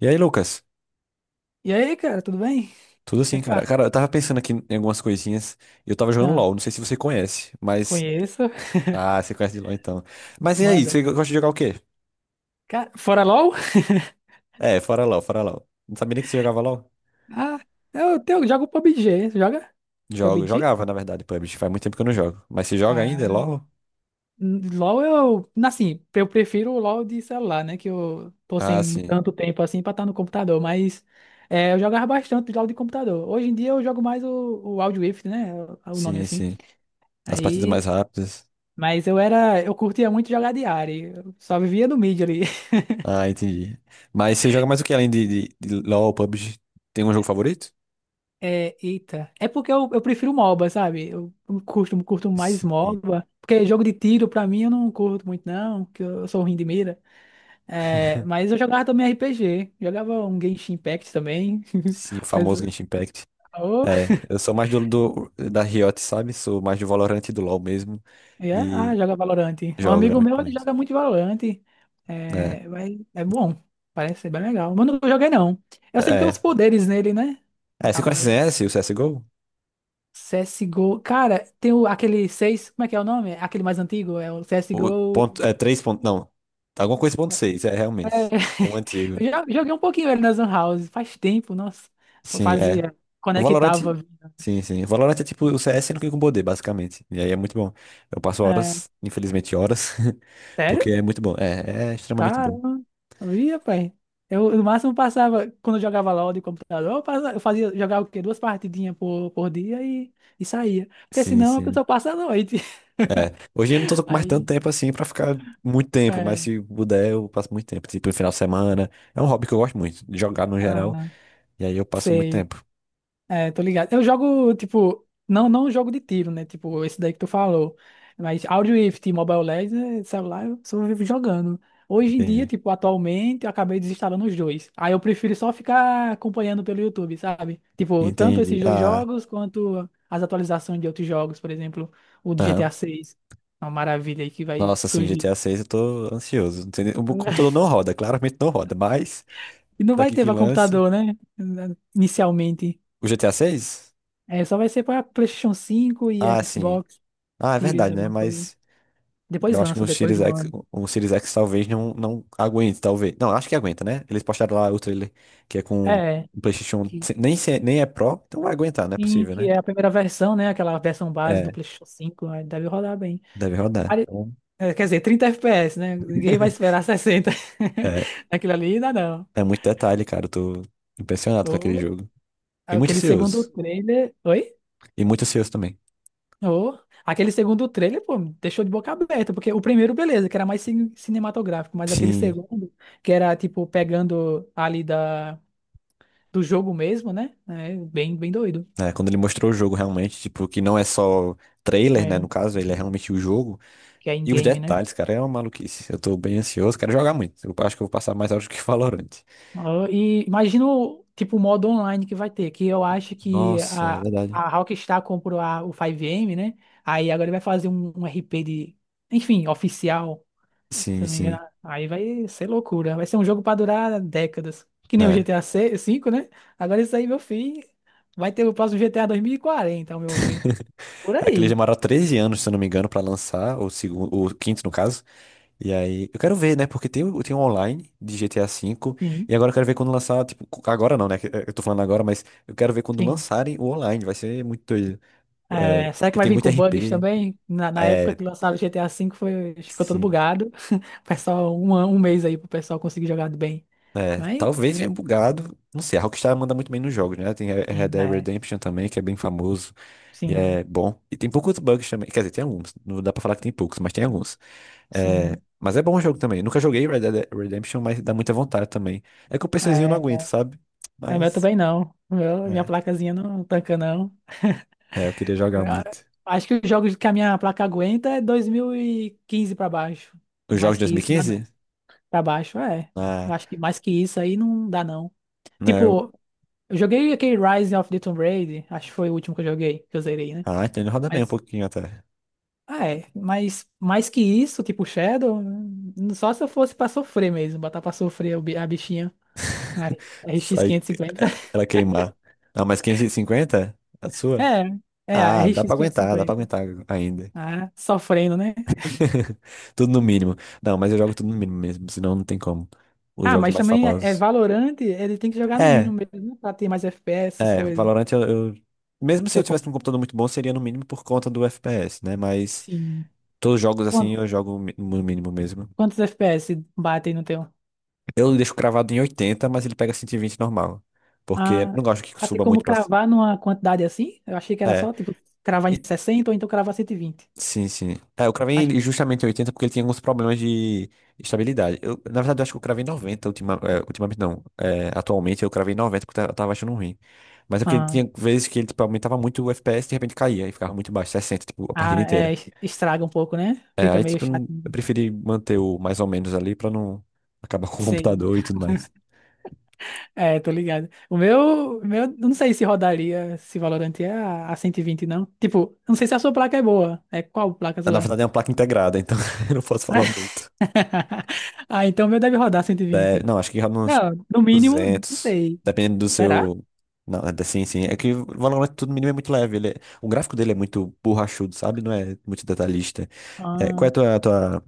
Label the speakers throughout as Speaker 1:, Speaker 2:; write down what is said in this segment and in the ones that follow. Speaker 1: E aí, Lucas?
Speaker 2: E aí, cara, tudo bem?
Speaker 1: Tudo
Speaker 2: Como é
Speaker 1: assim,
Speaker 2: que
Speaker 1: cara.
Speaker 2: tá?
Speaker 1: Cara, eu tava pensando aqui em algumas coisinhas. Eu tava jogando
Speaker 2: Ah,
Speaker 1: LoL, não sei se você conhece, mas.
Speaker 2: conheço.
Speaker 1: Ah, você conhece de LoL então. Mas e aí,
Speaker 2: Manda.
Speaker 1: você gosta de jogar o quê?
Speaker 2: Cara, fora LOL?
Speaker 1: É, fora LoL, fora LoL. Não sabia nem que você jogava LoL?
Speaker 2: Ah, eu, jogo PUBG. Você joga?
Speaker 1: Jogo,
Speaker 2: PUBG?
Speaker 1: jogava, na verdade, PUBG. Faz muito tempo que eu não jogo. Mas você joga ainda, é
Speaker 2: Ah,
Speaker 1: LoL?
Speaker 2: LOL eu. Assim, eu prefiro o LOL de celular, né? Que eu tô
Speaker 1: Ah,
Speaker 2: sem
Speaker 1: sim.
Speaker 2: tanto tempo assim pra estar no computador. Mas é, eu jogava bastante LOL de computador. Hoje em dia eu jogo mais o Wild Rift, né? O nome
Speaker 1: Sim,
Speaker 2: assim.
Speaker 1: sim. As partidas mais
Speaker 2: Aí.
Speaker 1: rápidas.
Speaker 2: Mas eu era. Eu curtia muito jogar de área. Eu só vivia no mid ali.
Speaker 1: Ah, entendi. Mas você joga mais o que além de LoL, PUBG? Tem um jogo favorito?
Speaker 2: É, eita. É porque eu prefiro MOBA, sabe? Eu curto mais
Speaker 1: Sim.
Speaker 2: MOBA. Porque jogo de tiro, pra mim, eu não curto muito, não. Que eu sou ruim de mira. É, mas eu jogava também RPG. Jogava um Genshin Impact também.
Speaker 1: Sim, o
Speaker 2: Mas,
Speaker 1: famoso Genshin Impact.
Speaker 2: oh,
Speaker 1: É, eu sou mais da Riot, sabe? Sou mais do Valorant e do LoL mesmo.
Speaker 2: é, ah,
Speaker 1: E
Speaker 2: joga Valorant. Um
Speaker 1: jogo, né?
Speaker 2: amigo meu,
Speaker 1: Muito
Speaker 2: ele
Speaker 1: menos.
Speaker 2: joga muito Valorant.
Speaker 1: É,
Speaker 2: É, mas é bom. Parece ser bem legal. Mas eu não joguei, não. Eu sei que tem uns
Speaker 1: é.
Speaker 2: poderes nele, né?
Speaker 1: É, você conhece
Speaker 2: Acaba...
Speaker 1: CS, o CSGO?
Speaker 2: CSGO. Cara, tem o, aquele 6. Como é que é o nome? Aquele mais antigo? É o
Speaker 1: O
Speaker 2: CSGO.
Speaker 1: ponto, é 3 ponto, não. Alguma coisa ponto 6 é
Speaker 2: É,
Speaker 1: realmente. É um antigo.
Speaker 2: eu já joguei um pouquinho ele nas Lan House, faz tempo, nossa.
Speaker 1: Sim, é.
Speaker 2: Fazia,
Speaker 1: O Valorant,
Speaker 2: conectava.
Speaker 1: sim, sim. O Valorant é tipo o CS no que com poder, basicamente. E aí é muito bom. Eu passo
Speaker 2: É,
Speaker 1: horas, infelizmente horas,
Speaker 2: sério?
Speaker 1: porque é muito bom. É, é extremamente bom.
Speaker 2: Caramba, via, pai. Eu, no máximo, passava, quando eu jogava LOL de computador, eu eu fazia, jogava o quê? Duas partidinhas por dia e saía. Porque
Speaker 1: Sim,
Speaker 2: senão a
Speaker 1: sim.
Speaker 2: pessoa passa a noite.
Speaker 1: É, hoje eu não tô com mais tanto
Speaker 2: Aí,
Speaker 1: tempo assim pra ficar muito tempo, mas
Speaker 2: é,
Speaker 1: se puder eu passo muito tempo, tipo, no final de semana. É um hobby que eu gosto muito, de jogar no geral,
Speaker 2: ah,
Speaker 1: e aí eu passo muito
Speaker 2: sei.
Speaker 1: tempo.
Speaker 2: É, tô ligado. Eu jogo, tipo, não, não jogo de tiro, né? Tipo, esse daí que tu falou. Mas Audio Rift Mobile Legends, celular, eu só vivo jogando. Hoje em dia,
Speaker 1: Entendi.
Speaker 2: tipo, atualmente, eu acabei desinstalando os dois. Aí eu prefiro só ficar acompanhando pelo YouTube, sabe? Tipo, tanto
Speaker 1: Entendi.
Speaker 2: esses dois
Speaker 1: Ah,
Speaker 2: jogos quanto as atualizações de outros jogos, por exemplo, o do
Speaker 1: aham.
Speaker 2: GTA 6. Uma maravilha aí que vai
Speaker 1: Nossa, assim,
Speaker 2: surgir.
Speaker 1: GTA 6 eu tô ansioso. Não sei. O meu computador não roda, claramente não roda, mas
Speaker 2: E não vai
Speaker 1: daqui
Speaker 2: ter
Speaker 1: que
Speaker 2: pra
Speaker 1: lance.
Speaker 2: computador, né? Inicialmente.
Speaker 1: O GTA 6?
Speaker 2: É, só vai ser pra PlayStation 5 e
Speaker 1: Ah, sim.
Speaker 2: Xbox
Speaker 1: Ah, é
Speaker 2: Series,
Speaker 1: verdade, né?
Speaker 2: alguma coisa.
Speaker 1: Mas
Speaker 2: Depois
Speaker 1: eu acho que
Speaker 2: lança,
Speaker 1: no
Speaker 2: depois
Speaker 1: Series
Speaker 2: de um
Speaker 1: X,
Speaker 2: ano.
Speaker 1: o Series X talvez não, não aguente, talvez. Não, acho que aguenta, né? Eles postaram lá o trailer que é com
Speaker 2: É,
Speaker 1: o PlayStation,
Speaker 2: que,
Speaker 1: nem, nem é Pro, então vai aguentar, não é
Speaker 2: sim,
Speaker 1: possível,
Speaker 2: que
Speaker 1: né?
Speaker 2: é a primeira versão, né? Aquela versão base do
Speaker 1: É,
Speaker 2: PlayStation 5, aí deve rodar bem.
Speaker 1: deve rodar.
Speaker 2: Pare-
Speaker 1: Então,
Speaker 2: É, quer dizer, 30 FPS, né? Ninguém vai esperar 60.
Speaker 1: é,
Speaker 2: Aquilo ali dá não.
Speaker 1: é muito detalhe, cara. Eu tô impressionado com aquele
Speaker 2: Ou
Speaker 1: jogo. E muito
Speaker 2: aquele segundo
Speaker 1: ansioso.
Speaker 2: trailer. Oi?
Speaker 1: E muito ansioso também.
Speaker 2: Ou aquele segundo trailer, pô, me deixou de boca aberta, porque o primeiro, beleza, que era mais cinematográfico, mas aquele
Speaker 1: Sim.
Speaker 2: segundo, que era tipo pegando ali da, do jogo mesmo, né? É bem, bem doido.
Speaker 1: É, quando ele mostrou o jogo realmente, tipo, que não é só trailer, né?
Speaker 2: É,
Speaker 1: No caso, ele é realmente o jogo.
Speaker 2: que é
Speaker 1: E os
Speaker 2: in-game, né?
Speaker 1: detalhes, cara, é uma maluquice. Eu tô bem ansioso, quero jogar muito. Eu acho que eu vou passar mais horas do que Valorant.
Speaker 2: Ah, e imagina o tipo o modo online que vai ter, que eu acho que
Speaker 1: Nossa, é
Speaker 2: a,
Speaker 1: verdade.
Speaker 2: a Rockstar comprou a, o 5M, né? Aí agora ele vai fazer um RP de, enfim, oficial, se
Speaker 1: Sim,
Speaker 2: eu não me engano.
Speaker 1: sim.
Speaker 2: Aí vai ser loucura. Vai ser um jogo pra durar décadas. Que nem o
Speaker 1: É.
Speaker 2: GTA V, né? Agora isso aí, meu filho, vai ter o próximo GTA 2040, ao meu ver. Por
Speaker 1: Aquele
Speaker 2: aí.
Speaker 1: demorou 13 anos, se eu não me engano, pra lançar, o segundo, o quinto, no caso. E aí, eu quero ver, né? Porque tem, tem um online de GTA V.
Speaker 2: Sim,
Speaker 1: E agora eu quero ver quando lançar, tipo, agora não, né? que eu tô falando agora, mas eu quero ver quando
Speaker 2: sim.
Speaker 1: lançarem o online. Vai ser muito doido. É,
Speaker 2: É, será que
Speaker 1: porque
Speaker 2: vai
Speaker 1: tem
Speaker 2: vir
Speaker 1: muito
Speaker 2: com bugs
Speaker 1: RP.
Speaker 2: também? Na época
Speaker 1: É,
Speaker 2: que lançaram o GTA V foi, ficou todo
Speaker 1: sim.
Speaker 2: bugado. O pessoal, um mês aí pro pessoal conseguir jogar bem.
Speaker 1: É,
Speaker 2: Mas,
Speaker 1: talvez venha bugado. Não sei, a Rockstar manda muito bem nos jogos, né? Tem Red
Speaker 2: sim,
Speaker 1: Dead
Speaker 2: é,
Speaker 1: Redemption também, que é bem famoso. E
Speaker 2: sim,
Speaker 1: é bom. E tem poucos bugs também. Quer dizer, tem alguns. Não dá pra falar que tem poucos, mas tem alguns. É,
Speaker 2: sim.
Speaker 1: mas é bom o jogo também. Nunca joguei Red Dead Redemption, mas dá muita vontade também. É que o PCzinho não aguenta,
Speaker 2: É,
Speaker 1: sabe?
Speaker 2: é, o meu
Speaker 1: Mas.
Speaker 2: também não. O meu, minha
Speaker 1: É,
Speaker 2: placazinha não tanca, não.
Speaker 1: é, eu queria
Speaker 2: Eu
Speaker 1: jogar muito.
Speaker 2: acho que os jogos que a minha placa aguenta é 2015 pra baixo.
Speaker 1: Os
Speaker 2: Mais
Speaker 1: jogos de
Speaker 2: que isso, dá não.
Speaker 1: 2015?
Speaker 2: Pra baixo, é. Eu
Speaker 1: Ah,
Speaker 2: acho que mais que isso aí não dá, não.
Speaker 1: não.
Speaker 2: Tipo, eu joguei aquele Rise of the Tomb Raider, acho que foi o último que eu joguei, que eu zerei, né?
Speaker 1: Ah, então ele roda bem um pouquinho até.
Speaker 2: Ah, é, mas mais que isso, tipo Shadow, só se eu fosse pra sofrer mesmo, botar pra sofrer o a bichinha. A RX
Speaker 1: Sai
Speaker 2: 550.
Speaker 1: ela queimar. Ah, mas 550? A sua?
Speaker 2: É, é, a
Speaker 1: Ah,
Speaker 2: RX
Speaker 1: dá pra
Speaker 2: 550.
Speaker 1: aguentar ainda.
Speaker 2: Ah, sofrendo, né?
Speaker 1: Tudo no mínimo. Não, mas eu jogo tudo no mínimo mesmo, senão não tem como. Os
Speaker 2: Ah,
Speaker 1: jogos
Speaker 2: mas
Speaker 1: mais
Speaker 2: também é, é
Speaker 1: famosos.
Speaker 2: Valorant, ele tem que jogar no mínimo
Speaker 1: É,
Speaker 2: mesmo, né, pra ter mais FPS, essas
Speaker 1: é,
Speaker 2: coisas.
Speaker 1: Valorant eu. Mesmo
Speaker 2: Que
Speaker 1: se
Speaker 2: é,
Speaker 1: eu tivesse um computador muito bom, seria no mínimo por conta do FPS, né? Mas
Speaker 2: sim.
Speaker 1: todos os jogos
Speaker 2: Quan-
Speaker 1: assim eu jogo no mínimo mesmo.
Speaker 2: Quantos FPS batem no teu?
Speaker 1: Eu deixo cravado em 80, mas ele pega 120 normal. Porque eu
Speaker 2: Ah,
Speaker 1: não gosto que
Speaker 2: ah, tem
Speaker 1: suba
Speaker 2: como
Speaker 1: muito pra.
Speaker 2: cravar numa quantidade assim? Eu achei que era
Speaker 1: É.
Speaker 2: só, tipo, cravar em
Speaker 1: e-
Speaker 2: 60 ou então cravar 120.
Speaker 1: Sim, sim. É, eu cravei
Speaker 2: Mas,
Speaker 1: ele justamente em 80 porque ele tinha alguns problemas de estabilidade. Eu, na verdade, eu acho que eu cravei em 90 ultimamente, não. É, atualmente eu cravei em 90 porque eu tava achando ruim. Mas é porque ele
Speaker 2: ah.
Speaker 1: tinha vezes que ele tipo, aumentava muito o FPS e de repente caía e ficava muito baixo, 60 tipo, a partida
Speaker 2: Ah,
Speaker 1: inteira.
Speaker 2: é, estraga um pouco, né?
Speaker 1: É,
Speaker 2: Fica
Speaker 1: aí,
Speaker 2: meio
Speaker 1: tipo,
Speaker 2: chato.
Speaker 1: eu preferi manter o mais ou menos ali pra não acabar com o
Speaker 2: Sim,
Speaker 1: computador e tudo mais.
Speaker 2: é, tô ligado. O meu, não sei se rodaria, se Valorant é a 120 não. Tipo, não sei se a sua placa é boa. É qual placa
Speaker 1: Na
Speaker 2: sua?
Speaker 1: verdade, é uma placa integrada, então eu não posso falar muito.
Speaker 2: Ah, então o meu deve rodar cento e
Speaker 1: É,
Speaker 2: vinte.
Speaker 1: não, acho que cabe uns
Speaker 2: Não, no mínimo, não
Speaker 1: 200
Speaker 2: sei.
Speaker 1: dependendo do
Speaker 2: Será?
Speaker 1: seu. Não, sim, sim. É que o Valorant tudo mínimo é muito leve. O gráfico dele é muito borrachudo, sabe? Não é muito detalhista. É, qual é
Speaker 2: Ah,
Speaker 1: a tua, a tua.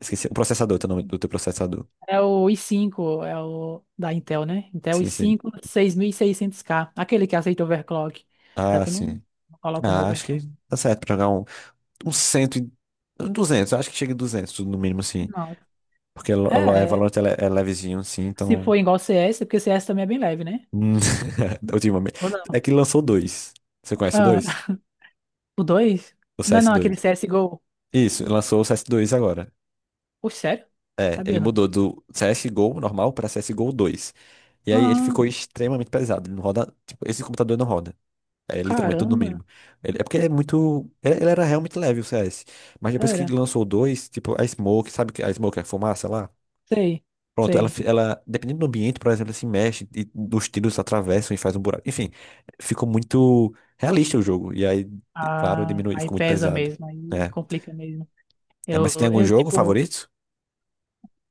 Speaker 1: Esqueci, o processador, teu nome do teu processador.
Speaker 2: é o i5, é o da Intel, né? Intel i
Speaker 1: Sim, sim.
Speaker 2: cinco, seis mil e seiscentos k aquele que aceita overclock. Já
Speaker 1: Ah,
Speaker 2: que eu não
Speaker 1: sim.
Speaker 2: não coloco no
Speaker 1: Ah, acho que
Speaker 2: overclock.
Speaker 1: tá certo pra jogar um, 100, um 200, acho que chega em 200, no mínimo, sim.
Speaker 2: Não.
Speaker 1: Porque é
Speaker 2: É,
Speaker 1: Valorant é é levezinho, assim,
Speaker 2: se
Speaker 1: então.
Speaker 2: for igual CS, porque CS também é bem leve, né?
Speaker 1: Hum, ultimamente.
Speaker 2: Ou não?
Speaker 1: É que lançou dois. Você conhece
Speaker 2: Ah,
Speaker 1: dois?
Speaker 2: o dois.
Speaker 1: O
Speaker 2: Não, é
Speaker 1: CS
Speaker 2: não, aquele
Speaker 1: dois?
Speaker 2: CSGO.
Speaker 1: Isso, lançou o CS dois agora.
Speaker 2: Pô, sério?
Speaker 1: É, ele
Speaker 2: Sabia
Speaker 1: mudou
Speaker 2: não.
Speaker 1: do CSGO normal pra CSGO dois. E aí ele
Speaker 2: Ah,
Speaker 1: ficou extremamente pesado. Ele não roda. Tipo, esse computador não roda. É literalmente tudo no
Speaker 2: caramba.
Speaker 1: mínimo. É porque é muito. Ele era realmente leve o CS. Mas depois que
Speaker 2: Era.
Speaker 1: lançou o 2, tipo, a Smoke, sabe que a Smoke é a fumaça lá?
Speaker 2: Sei,
Speaker 1: Pronto, ela,
Speaker 2: sei.
Speaker 1: fi- ela, dependendo do ambiente, por exemplo, ela se mexe e os tiros atravessam e faz um buraco. Enfim, ficou muito realista o jogo. E aí, claro,
Speaker 2: Ah,
Speaker 1: diminui,
Speaker 2: aí
Speaker 1: ficou muito
Speaker 2: pesa
Speaker 1: pesado.
Speaker 2: mesmo, aí
Speaker 1: É.
Speaker 2: complica mesmo.
Speaker 1: É, mas você tem algum
Speaker 2: Eu
Speaker 1: jogo
Speaker 2: tipo,
Speaker 1: favorito?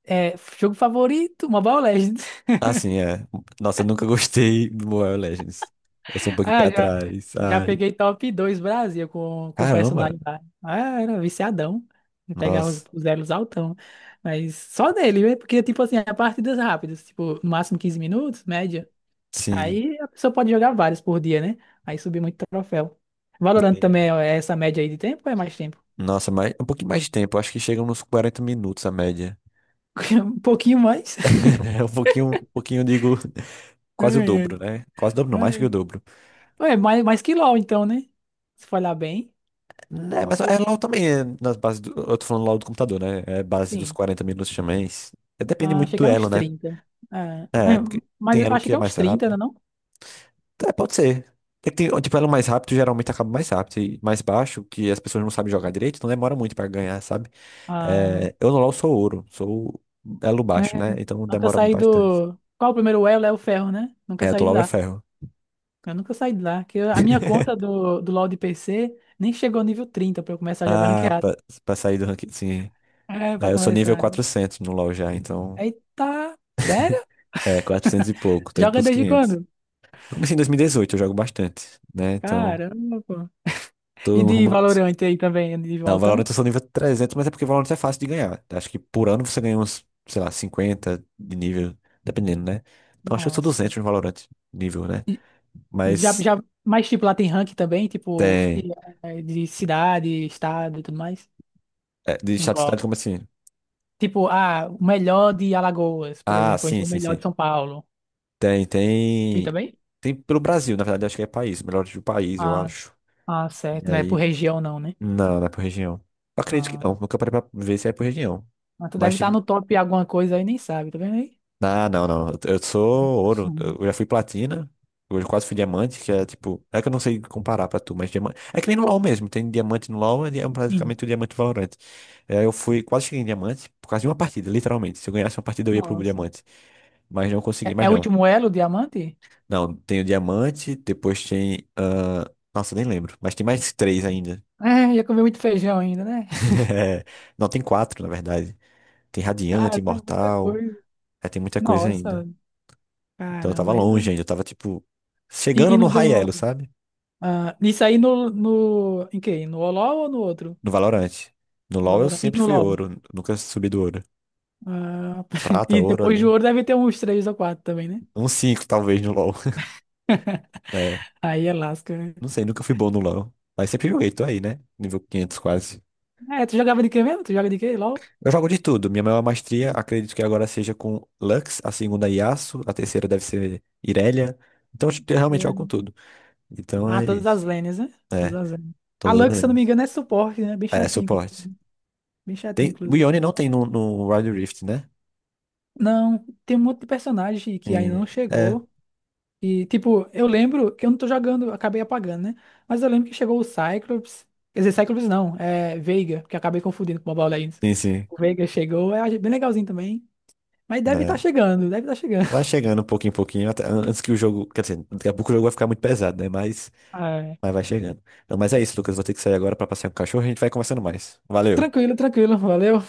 Speaker 2: é, jogo favorito, Mobile Legends.
Speaker 1: Ah, sim, é. Nossa, eu nunca gostei do Mobile Legends. Eu sou um pouquinho pé
Speaker 2: Ah, já,
Speaker 1: atrás.
Speaker 2: já
Speaker 1: Ai,
Speaker 2: peguei top 2 Brasil com
Speaker 1: caramba.
Speaker 2: personagem lá. Ah, era viciadão. Eu pegava os,
Speaker 1: Nossa,
Speaker 2: os elos altão. Mas só dele, né? Porque, tipo assim, é partidas rápidas, tipo, no máximo 15 minutos, média.
Speaker 1: sim,
Speaker 2: Aí a pessoa pode jogar vários por dia, né? Aí subir muito troféu. Valorant
Speaker 1: entendi.
Speaker 2: também é essa média aí de tempo ou é mais tempo?
Speaker 1: Nossa, mas um pouquinho mais de tempo. Acho que chegam nos 40 minutos a média.
Speaker 2: Um pouquinho mais.
Speaker 1: É um pouquinho, digo, quase o
Speaker 2: Ai, ai,
Speaker 1: dobro, né? Quase o dobro, não, mais que
Speaker 2: ai.
Speaker 1: o dobro.
Speaker 2: Ué, mais que LOL, então, né? Se for olhar bem.
Speaker 1: Né,
Speaker 2: O-
Speaker 1: mas
Speaker 2: o-
Speaker 1: é LOL também, é nas bases do, eu tô falando LOL do computador, né? É base dos
Speaker 2: Sim.
Speaker 1: 40 minutos também. É, depende
Speaker 2: Ah,
Speaker 1: muito
Speaker 2: achei que
Speaker 1: do
Speaker 2: era uns
Speaker 1: elo, né?
Speaker 2: trinta, É,
Speaker 1: É,
Speaker 2: é,
Speaker 1: porque
Speaker 2: mas
Speaker 1: tem
Speaker 2: eu
Speaker 1: elo
Speaker 2: achei
Speaker 1: que
Speaker 2: que
Speaker 1: é
Speaker 2: é uns
Speaker 1: mais
Speaker 2: trinta não é
Speaker 1: rápido.
Speaker 2: não?
Speaker 1: É, pode ser. É que tem, tipo, elo mais rápido geralmente acaba mais rápido. E mais baixo, que as pessoas não sabem jogar direito, então demora muito pra ganhar, sabe?
Speaker 2: Ah,
Speaker 1: É, eu no LoL sou ouro, sou elo
Speaker 2: é,
Speaker 1: baixo, né? Então
Speaker 2: nunca
Speaker 1: demora
Speaker 2: saí
Speaker 1: bastante.
Speaker 2: do... Qual o primeiro elo? É o ferro, né? Nunca
Speaker 1: É, eu tô
Speaker 2: saí de
Speaker 1: LoL é
Speaker 2: lá.
Speaker 1: ferro.
Speaker 2: Eu nunca saí de lá. Que eu- a minha conta do, do LoL de PC nem chegou ao nível 30 pra eu começar a jogar
Speaker 1: Ah,
Speaker 2: ranqueado.
Speaker 1: pra sair do ranking, sim.
Speaker 2: É, pra
Speaker 1: É, eu sou nível
Speaker 2: começar.
Speaker 1: 400 no LoL já, então
Speaker 2: Eita! Sério?
Speaker 1: é 400 e pouco, tô indo
Speaker 2: Joga
Speaker 1: pros
Speaker 2: desde
Speaker 1: 500.
Speaker 2: quando?
Speaker 1: Eu comecei em 2018, eu jogo bastante, né? Então,
Speaker 2: Caramba, pô. E
Speaker 1: tô no
Speaker 2: de
Speaker 1: rumo.
Speaker 2: Valorant aí também, de
Speaker 1: Não, Valorant
Speaker 2: altão?
Speaker 1: eu sou nível 300, mas é porque Valorant é fácil de ganhar. Acho que por ano você ganha uns, sei lá, 50 de nível, dependendo, né? Não, acho que eu sou
Speaker 2: Nossa.
Speaker 1: 200 no Valorant, nível, né?
Speaker 2: E já,
Speaker 1: Mas
Speaker 2: já, mas tipo, lá tem rank também, tipo,
Speaker 1: tem.
Speaker 2: e, é, de cidade, estado e tudo mais.
Speaker 1: É, de estatística,
Speaker 2: Englobo.
Speaker 1: como assim?
Speaker 2: Tipo, ah, o melhor de Alagoas, por
Speaker 1: Ah,
Speaker 2: exemplo, ou
Speaker 1: sim,
Speaker 2: então o
Speaker 1: sim,
Speaker 2: melhor de
Speaker 1: sim.
Speaker 2: São Paulo.
Speaker 1: Tem,
Speaker 2: E
Speaker 1: tem.
Speaker 2: também?
Speaker 1: Tem pelo Brasil, na verdade, acho que é país, melhor do país, eu
Speaker 2: Ah,
Speaker 1: acho.
Speaker 2: ah,
Speaker 1: E
Speaker 2: certo. Não é por
Speaker 1: aí.
Speaker 2: região, não, né?
Speaker 1: Não, não é por região. Eu acredito que
Speaker 2: Ah,
Speaker 1: não, nunca parei pra ver se é por região.
Speaker 2: mas tu
Speaker 1: Mas
Speaker 2: deve estar no top alguma coisa aí, nem sabe, tá vendo aí?
Speaker 1: ah, não, não. Eu sou ouro.
Speaker 2: Uhum.
Speaker 1: Eu já fui platina. Hoje eu quase fui diamante, que é tipo. É que eu não sei comparar pra tu, mas diamante. É que nem no LoL mesmo. Tem diamante no LoL, ele é
Speaker 2: Sim.
Speaker 1: praticamente o diamante valorante. É, eu fui, quase cheguei em diamante por causa de uma partida, literalmente. Se eu ganhasse uma partida, eu ia pro
Speaker 2: Nossa.
Speaker 1: diamante. Mas não consegui,
Speaker 2: É,
Speaker 1: mas
Speaker 2: é o
Speaker 1: não.
Speaker 2: último elo, diamante?
Speaker 1: Não, tem o diamante, depois tem. Ah, nossa, nem lembro. Mas tem mais três ainda.
Speaker 2: É, já comi muito feijão ainda, né?
Speaker 1: É, não, tem quatro, na verdade. Tem
Speaker 2: Cara,
Speaker 1: radiante,
Speaker 2: é muita
Speaker 1: imortal.
Speaker 2: coisa.
Speaker 1: É, tem muita coisa ainda.
Speaker 2: Nossa,
Speaker 1: Então eu tava
Speaker 2: caramba. Aí
Speaker 1: longe
Speaker 2: do...
Speaker 1: ainda, eu tava tipo
Speaker 2: E, e
Speaker 1: chegando no
Speaker 2: no do...
Speaker 1: high sabe?
Speaker 2: ah, isso aí no, no... Em quê? No Oló ou no outro?
Speaker 1: No Valorant. No
Speaker 2: No
Speaker 1: LoL eu
Speaker 2: Valorant? E
Speaker 1: sempre
Speaker 2: no
Speaker 1: fui
Speaker 2: LOL?
Speaker 1: ouro, nunca subi do ouro.
Speaker 2: Ah,
Speaker 1: Prata,
Speaker 2: e
Speaker 1: ouro
Speaker 2: depois
Speaker 1: ali.
Speaker 2: de ouro deve ter uns três ou quatro também, né?
Speaker 1: Um 5 talvez no LoL. É,
Speaker 2: Aí é lasca, né?
Speaker 1: não sei, nunca fui bom no LoL. Mas sempre joguei, tô aí, né? Nível 500 quase.
Speaker 2: É, tu jogava de quê mesmo? Tu joga de quê? LOL?
Speaker 1: Eu jogo de tudo. Minha maior maestria, acredito que agora seja com Lux, a segunda Yasuo, a terceira deve ser Irelia. Então eu realmente jogo
Speaker 2: É.
Speaker 1: com tudo. Então
Speaker 2: Ah,
Speaker 1: é
Speaker 2: todas
Speaker 1: isso.
Speaker 2: as lanes, né? Todas
Speaker 1: É,
Speaker 2: as lanes. A
Speaker 1: todas as
Speaker 2: Lux, se eu não me
Speaker 1: lanes.
Speaker 2: engano, é suporte, né?
Speaker 1: É, suporte.
Speaker 2: Bem chatinho,
Speaker 1: Tem, o
Speaker 2: inclusive.
Speaker 1: Yone não tem no, no Wild Rift, né?
Speaker 2: Não, tem um monte de personagem que ainda não
Speaker 1: Tem. É.
Speaker 2: chegou. E, tipo, eu lembro que eu não tô jogando, acabei apagando, né? Mas eu lembro que chegou o Cyclops. Quer dizer, Cyclops não, é Veiga, que eu acabei confundindo com o Mobile Legends.
Speaker 1: Sim, sim.
Speaker 2: O Veiga chegou, é bem legalzinho também. Mas deve estar
Speaker 1: Né?
Speaker 2: chegando, deve estar
Speaker 1: Vai
Speaker 2: chegando.
Speaker 1: chegando um pouquinho em pouquinho, antes que o jogo. Quer dizer, daqui a pouco o jogo vai ficar muito pesado, né? Mas vai chegando. Não, mas é isso, Lucas. Vou ter que sair agora pra passear com o cachorro e a gente vai conversando mais. Valeu.
Speaker 2: Tranquilo, tranquilo, valeu.